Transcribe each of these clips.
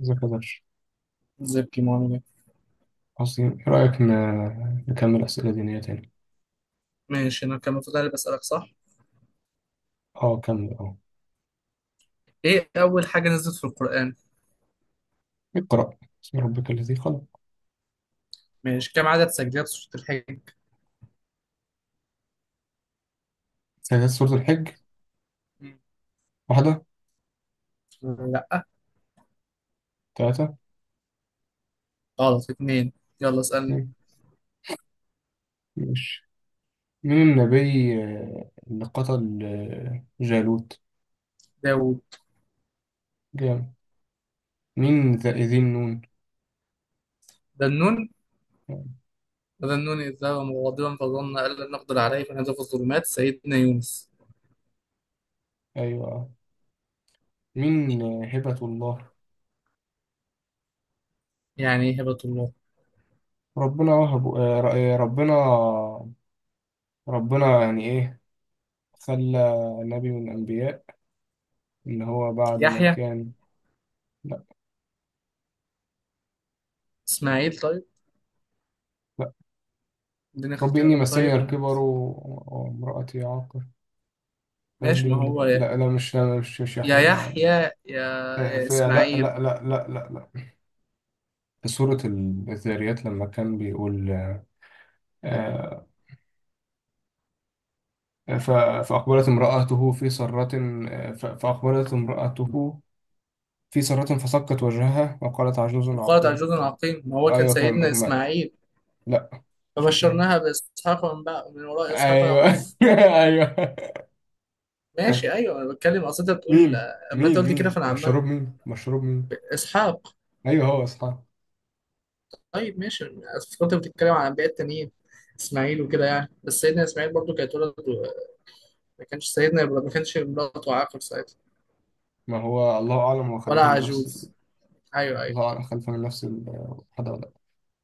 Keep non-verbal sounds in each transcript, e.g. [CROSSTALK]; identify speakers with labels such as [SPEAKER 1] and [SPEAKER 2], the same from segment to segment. [SPEAKER 1] إذا كدرش
[SPEAKER 2] زبكي معاملة.
[SPEAKER 1] أصلي، إيه رأيك نكمل أسئلة دينية تاني؟
[SPEAKER 2] ماشي، انا كان المفروض بسألك. صح،
[SPEAKER 1] أه، كمل أه.
[SPEAKER 2] ايه اول حاجة نزلت في القرآن.
[SPEAKER 1] اقرأ بسم ربك الذي خلق.
[SPEAKER 2] ماشي، كم عدد سجدات سورة الحج؟
[SPEAKER 1] سيدات سورة الحج
[SPEAKER 2] مم.
[SPEAKER 1] واحدة،
[SPEAKER 2] لا،
[SPEAKER 1] ثلاثة،
[SPEAKER 2] غلط، اتنين. يلا اسألني.
[SPEAKER 1] اتنين. ماشي، مين النبي اللي قتل جالوت؟
[SPEAKER 2] داوود.
[SPEAKER 1] جامد. مين ذا ذي النون؟
[SPEAKER 2] ذنون. وذنون إذ ذهب مغاضبا فظن أن لن نقدر عليه فنادى في الظلمات، سيدنا يونس.
[SPEAKER 1] أيوة. مين هبة الله؟
[SPEAKER 2] يعني إيه هبة الله؟
[SPEAKER 1] ربنا وهب ربنا. ربنا يعني إيه، خلى نبي من الأنبياء، إن هو بعد ما
[SPEAKER 2] يحيى،
[SPEAKER 1] كان.
[SPEAKER 2] إسماعيل؟ طيب
[SPEAKER 1] لا،
[SPEAKER 2] اديني
[SPEAKER 1] رب إني
[SPEAKER 2] اختيارات
[SPEAKER 1] مسني
[SPEAKER 2] طيب
[SPEAKER 1] الكبر وامرأتي عاقر، فهب
[SPEAKER 2] ماشي.
[SPEAKER 1] لي
[SPEAKER 2] ما
[SPEAKER 1] من
[SPEAKER 2] هو
[SPEAKER 1] لدن-
[SPEAKER 2] يا,
[SPEAKER 1] لا لا، مش
[SPEAKER 2] يا
[SPEAKER 1] يحيى أنا.
[SPEAKER 2] يحيى، يا يا
[SPEAKER 1] في، لا لا
[SPEAKER 2] إسماعيل.
[SPEAKER 1] لا لا، لا لا، في سورة الذاريات لما كان بيقول آه، ف- فأقبلت امرأته في سرة. فأقبلت امرأته في سرة فصكت وجهها وقالت عجوز
[SPEAKER 2] وقالت
[SPEAKER 1] عقيم.
[SPEAKER 2] عجوز عقيم، ما هو كان
[SPEAKER 1] أيوة، كان
[SPEAKER 2] سيدنا إسماعيل.
[SPEAKER 1] لا، مش اسمها.
[SPEAKER 2] فبشرناها باسحاق، ومن بقى من وراء اسحاق
[SPEAKER 1] أيوة
[SPEAKER 2] يعقوب.
[SPEAKER 1] [LAUGHS]
[SPEAKER 2] ماشي،
[SPEAKER 1] أيوة.
[SPEAKER 2] ايوه انا بتكلم اصل انت بتقول.
[SPEAKER 1] مين
[SPEAKER 2] اما انت
[SPEAKER 1] مين
[SPEAKER 2] قلت كده
[SPEAKER 1] مين
[SPEAKER 2] فانا عمال.
[SPEAKER 1] مشروب مين مشروب مين.
[SPEAKER 2] اسحاق.
[SPEAKER 1] أيوة، هو أصحاب.
[SPEAKER 2] طيب ماشي، أصل كنت بتتكلم عن انبياء التانيين، اسماعيل وكده يعني. بس سيدنا اسماعيل برضو كانت ولد ما كانش سيدنا ابراهيم، ما كانش مراته عاقر ساعتها،
[SPEAKER 1] ما هو الله أعلم، هو
[SPEAKER 2] ولا
[SPEAKER 1] خليفة من نفس.
[SPEAKER 2] عجوز. ايوه ايوه.
[SPEAKER 1] الله أعلم، خليفة من نفس الحد ولا لأ.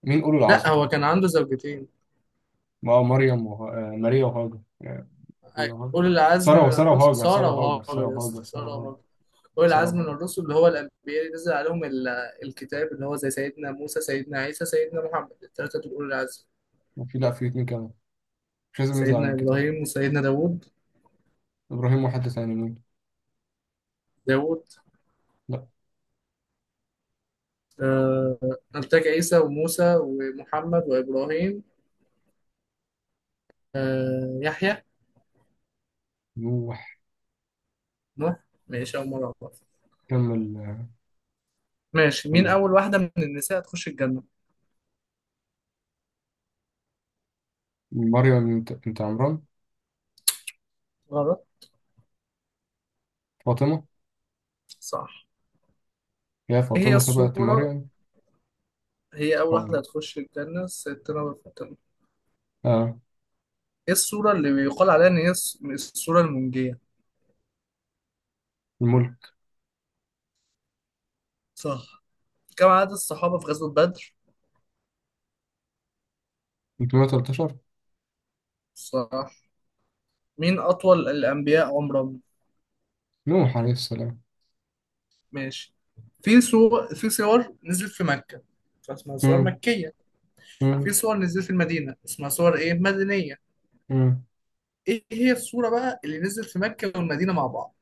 [SPEAKER 1] مين أولو
[SPEAKER 2] لا،
[SPEAKER 1] العزم؟
[SPEAKER 2] هو كان عنده زوجتين.
[SPEAKER 1] ما هو مريم وه... آه، ماريا وهاجر
[SPEAKER 2] أيوة.
[SPEAKER 1] ماريا وهاجر.
[SPEAKER 2] اولي العزم
[SPEAKER 1] سارة،
[SPEAKER 2] من
[SPEAKER 1] وسارة
[SPEAKER 2] الرسل
[SPEAKER 1] وهاجر، سارة
[SPEAKER 2] ساره
[SPEAKER 1] وهاجر، سارة
[SPEAKER 2] وهاجر، يا اسطى،
[SPEAKER 1] وهاجر، سارة
[SPEAKER 2] ساره
[SPEAKER 1] وهاجر،
[SPEAKER 2] وهاجر. أولي
[SPEAKER 1] سارة
[SPEAKER 2] العزم من
[SPEAKER 1] وهاجر.
[SPEAKER 2] الرسل اللي هو الأنبياء اللي نزل عليهم الكتاب، اللي هو زي سيدنا موسى، سيدنا عيسى، سيدنا محمد. التلاتة دول أولي العزم.
[SPEAKER 1] وفي، لأ، في اتنين كمان. مش لازم ننزل عن
[SPEAKER 2] سيدنا
[SPEAKER 1] الكتاب.
[SPEAKER 2] إبراهيم وسيدنا داوود.
[SPEAKER 1] إبراهيم وحد تاني مين؟
[SPEAKER 2] داوود.
[SPEAKER 1] لأ،
[SPEAKER 2] آه نبتك عيسى وموسى ومحمد وإبراهيم، يحيى،
[SPEAKER 1] نوح.
[SPEAKER 2] نوح. ماشي، أول مرة أعرف.
[SPEAKER 1] كمل،
[SPEAKER 2] ماشي، مين
[SPEAKER 1] كمل.
[SPEAKER 2] أول واحدة من النساء هتخش الجنة؟
[SPEAKER 1] مريم بنت عمران.
[SPEAKER 2] غلط.
[SPEAKER 1] فاطمة.
[SPEAKER 2] صح.
[SPEAKER 1] يا
[SPEAKER 2] إيه هي
[SPEAKER 1] فاطمة سبقت
[SPEAKER 2] الصورة.
[SPEAKER 1] مريم؟
[SPEAKER 2] هي أول
[SPEAKER 1] سبحان
[SPEAKER 2] واحدة
[SPEAKER 1] الله.
[SPEAKER 2] هتخش الجنة، سيدنا فاطمة.
[SPEAKER 1] آه،
[SPEAKER 2] إيه الصورة اللي بيقال عليها إن هي الصورة المنجية؟
[SPEAKER 1] الملك.
[SPEAKER 2] صح. كم عدد الصحابة في غزوة بدر؟
[SPEAKER 1] 313.
[SPEAKER 2] صح. مين أطول الأنبياء عمرا؟
[SPEAKER 1] نوح عليه السلام.
[SPEAKER 2] ماشي. في صور نزلت في مكة، فاسمها صور
[SPEAKER 1] مم.
[SPEAKER 2] مكية. في
[SPEAKER 1] مم.
[SPEAKER 2] صور نزلت في المدينة اسمها صور إيه مدنية.
[SPEAKER 1] مم.
[SPEAKER 2] إيه هي الصورة بقى اللي نزلت في مكة والمدينة مع بعض؟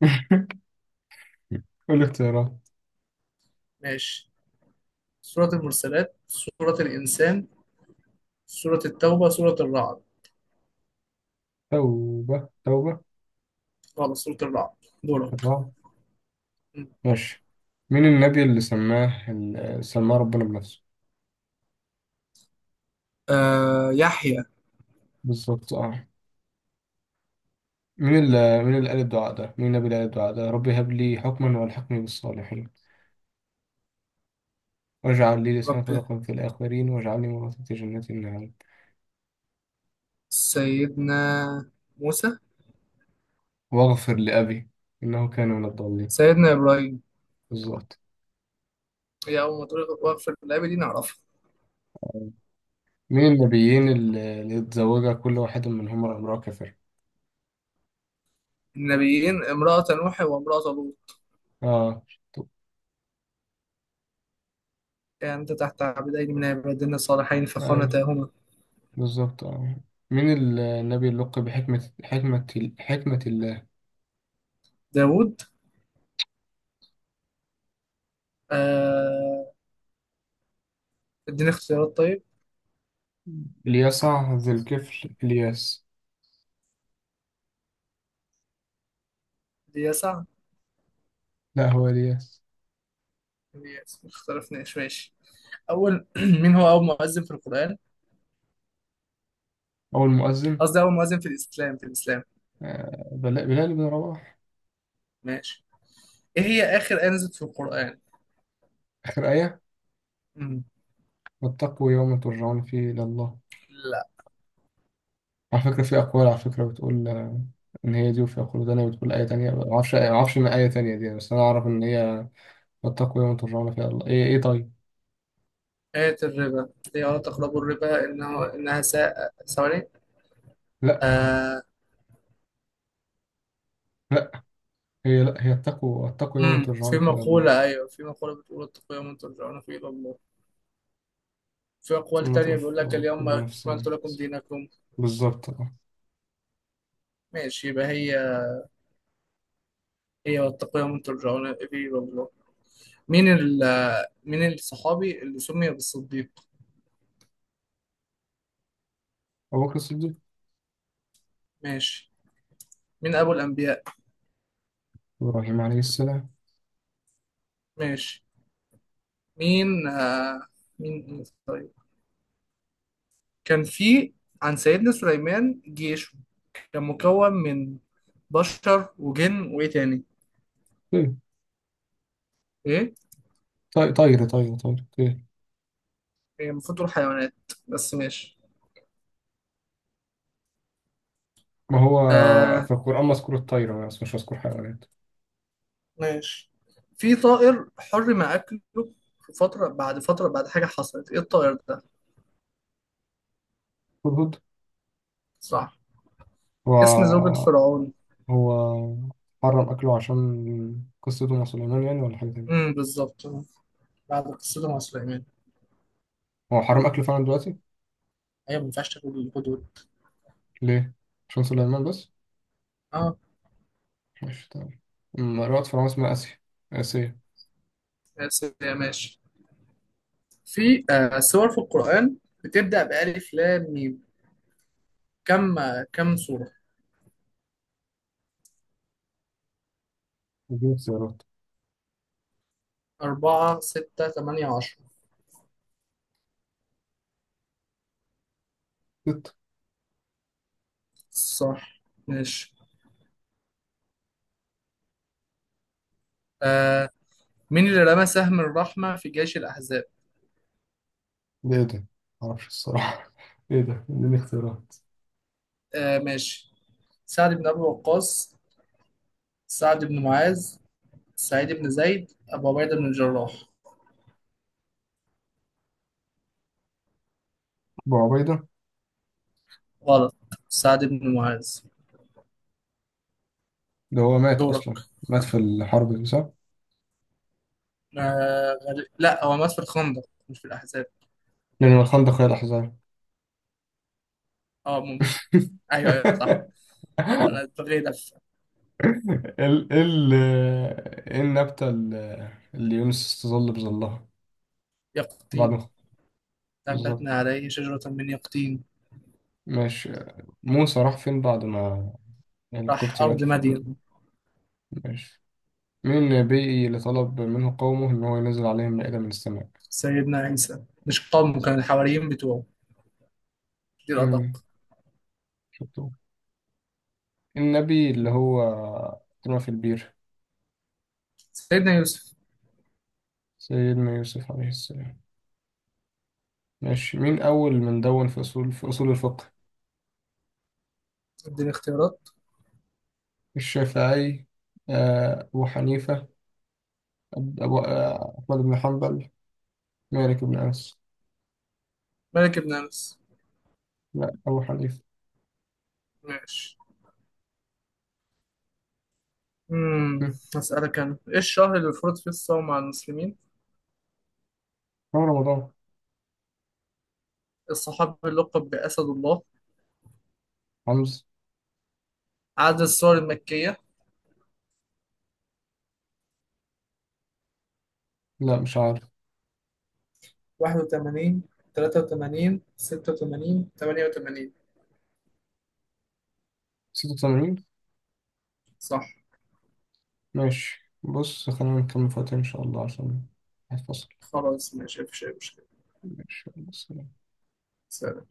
[SPEAKER 1] [LAUGHS] كل اختيارات.
[SPEAKER 2] ماشي، سورة المرسلات، سورة الإنسان، سورة التوبة، سورة الرعد.
[SPEAKER 1] توبة، توبة.
[SPEAKER 2] خلاص، سورة الرعد. دورك.
[SPEAKER 1] الرعد. ماشي، مين النبي اللي سماه، اللي سماه ربنا بنفسه؟
[SPEAKER 2] يحيى.
[SPEAKER 1] بالظبط اه. مين اللي قال الدعاء ده، مين النبي اللي قال الدعاء ده؟ ربي هب لي حكما والحقني بالصالحين، واجعل لي لسان
[SPEAKER 2] ربي،
[SPEAKER 1] صدق في الآخرين، واجعلني ورثة جنة النعيم،
[SPEAKER 2] سيدنا، موسى.
[SPEAKER 1] واغفر لأبي إنه كان من الضالين.
[SPEAKER 2] سيدنا إبراهيم.
[SPEAKER 1] بالظبط.
[SPEAKER 2] هي أول ما تقول وقف، اللعيبة دي نعرفها.
[SPEAKER 1] مين النبيين اللي اتزوجها كل واحد منهم امرأة كافرة؟
[SPEAKER 2] النبيين امرأة نوح وامرأة لوط.
[SPEAKER 1] اه. طب.
[SPEAKER 2] كانت تحت عبدين من عبادنا الصالحين
[SPEAKER 1] أيوة،
[SPEAKER 2] فخانتاهما.
[SPEAKER 1] بالظبط اه. مين النبي اللي لقب بحكمة، حكمة، حكمة؟
[SPEAKER 2] داود. آه، اديني اختيارات طيب.
[SPEAKER 1] اليسع، ذي الكفل، الياس.
[SPEAKER 2] ليسع.
[SPEAKER 1] لا، هو الياس.
[SPEAKER 2] ليسع، ما اختلفناش. ماشي، أول [CLEARS THROAT] مين هو أول مؤذن في القرآن.
[SPEAKER 1] أو المؤذن؟
[SPEAKER 2] قصدي أول مؤذن في الإسلام، في الإسلام.
[SPEAKER 1] بلال بن رباح.
[SPEAKER 2] ماشي، إيه هي آخر آية نزلت في القرآن؟
[SPEAKER 1] آخر آية
[SPEAKER 2] مم.
[SPEAKER 1] واتقوا يوم ترجعون فيه إلى الله.
[SPEAKER 2] لا.
[SPEAKER 1] على فكرة، في أقوال على فكرة بتقول إن هي دي، وفي أقوال تانية بتقول آية تانية، معرفش، معرفش من آية تانية دي، بس أنا أعرف إن هي واتقوا يوم ترجعون فيه إلى الله، إيه، إيه، طيب.
[SPEAKER 2] آية الربا، هي ولا تقربوا الربا، إنها ساء. ثواني.
[SPEAKER 1] لا.
[SPEAKER 2] آه.
[SPEAKER 1] لا لا هي اتقوا يوم
[SPEAKER 2] مم. في
[SPEAKER 1] ترجعون فيه إلى الله،
[SPEAKER 2] مقولة، أيوة، في مقولة بتقول اتقوا يوما ترجعون فيه إلى الله. في أقوال
[SPEAKER 1] ثم
[SPEAKER 2] تانية بيقول لك
[SPEAKER 1] توفى
[SPEAKER 2] اليوم
[SPEAKER 1] كل نفس
[SPEAKER 2] أكملت
[SPEAKER 1] ما
[SPEAKER 2] لكم
[SPEAKER 1] كسبت.
[SPEAKER 2] دينكم.
[SPEAKER 1] بالظبط آه.
[SPEAKER 2] ماشي، يبقى هي. هي واتقوا يوم ترجعون إليه إلى الله. مين ال مين الصحابي اللي سمي بالصديق؟
[SPEAKER 1] أبو بكر الصديق.
[SPEAKER 2] ماشي. مين أبو الأنبياء؟
[SPEAKER 1] إبراهيم عليه السلام.
[SPEAKER 2] ماشي. مين آه مين مين- طيب، كان في عن سيدنا سليمان جيش، كان مكون من بشر وجن وإيه تاني؟
[SPEAKER 1] طيب،
[SPEAKER 2] إيه.
[SPEAKER 1] طير طير.
[SPEAKER 2] هي المفروض تقول حيوانات، بس ماشي.
[SPEAKER 1] ما هو
[SPEAKER 2] آه.
[SPEAKER 1] في القرآن مذكور الطير بس، مش مذكور حيوانات.
[SPEAKER 2] ماشي. في طائر حرم أكله في فترة بعد حاجة حصلت، إيه الطائر ده؟
[SPEAKER 1] هدهد.
[SPEAKER 2] صح.
[SPEAKER 1] هو.
[SPEAKER 2] اسم زوجة فرعون.
[SPEAKER 1] هو حرم أكله عشان قصته مع سليمان يعني، ولا حاجة تانية؟
[SPEAKER 2] بالظبط، بعد قصته مع سليمان.
[SPEAKER 1] هو حرم أكله فعلا دلوقتي.
[SPEAKER 2] أيوة، ما ينفعش تاكل الهدود.
[SPEAKER 1] ليه؟ عشان سليمان بس؟
[SPEAKER 2] اه.
[SPEAKER 1] ماشي، تمام. أم رأت فرعون اسمها آسيا، آسيا.
[SPEAKER 2] بس ماشي. في سور في القرآن بتبدأ بألف لام ميم، كم سورة؟
[SPEAKER 1] اديني اختيارات.
[SPEAKER 2] أربعة، ستة، تمانية، عشرة.
[SPEAKER 1] ست.
[SPEAKER 2] صح. ماشي. آه، مين اللي رمى سهم الرحمة في جيش الأحزاب؟
[SPEAKER 1] ده ايه ده؟ معرفش الصراحة [LAUGHS] ايه ده؟ اديني اختيارات.
[SPEAKER 2] آه ماشي، سعد بن أبي وقاص، سعد بن معاذ، سعيد بن زيد، أبو عبيدة بن الجراح.
[SPEAKER 1] أبو عبيدة.
[SPEAKER 2] غلط. سعد بن معاذ.
[SPEAKER 1] ده هو مات
[SPEAKER 2] دورك.
[SPEAKER 1] أصلا، مات في الحرب دي صح؟
[SPEAKER 2] غريب. لا، هو مات في الخندق، مش في الأحزاب.
[SPEAKER 1] لأن الخندق هي الأحزاب.
[SPEAKER 2] اه ممكن. أيوه أيوه صح.
[SPEAKER 1] [LAUGHS]
[SPEAKER 2] أنا اتبغيت في.
[SPEAKER 1] ال ال ايه النبتة اللي يونس استظل بظلها بعد
[SPEAKER 2] يقطين.
[SPEAKER 1] ما؟
[SPEAKER 2] نبتنا
[SPEAKER 1] بالظبط.
[SPEAKER 2] عليه شجرة من يقطين.
[SPEAKER 1] ماشي. موسى راح فين بعد ما
[SPEAKER 2] راح
[SPEAKER 1] القبطي مات،
[SPEAKER 2] أرض مدين.
[SPEAKER 1] فين؟ ماشي، مين النبي اللي طلب منه قومه إن هو ينزل عليهم مائدة من السماء؟
[SPEAKER 2] سيدنا عيسى، مش قوم، كان الحواريين بتوعه، دي
[SPEAKER 1] امم،
[SPEAKER 2] الأدق.
[SPEAKER 1] شطور. النبي اللي هو اترمى في البير؟
[SPEAKER 2] سيدنا يوسف.
[SPEAKER 1] سيدنا يوسف عليه السلام. ماشي، مين أول من دون في أصول الفقه؟
[SPEAKER 2] اديني اختيارات.
[SPEAKER 1] الشافعي، أبو حنيفة، أبو أحمد بن حنبل، مالك بن أنس.
[SPEAKER 2] ملك بن أنس.
[SPEAKER 1] لا، أبو حنيفة.
[SPEAKER 2] ماشي. امم.
[SPEAKER 1] مم.
[SPEAKER 2] هسألك أنا، إيه الشهر اللي فرض فيه الصوم على المسلمين.
[SPEAKER 1] هو رمضان.
[SPEAKER 2] الصحابي اللقب بأسد الله.
[SPEAKER 1] حمزة.
[SPEAKER 2] عدد السور المكية.
[SPEAKER 1] لا، مش عارف.
[SPEAKER 2] 81، 83، 86، 88.
[SPEAKER 1] 86.
[SPEAKER 2] صح.
[SPEAKER 1] ماشي، بص، خلينا نكمل فاتن إن شاء الله، عشان هتفصل.
[SPEAKER 2] خلاص ماشي، مفيش أي مشكلة.
[SPEAKER 1] ماشي، يلا، سلام.
[SPEAKER 2] سلام.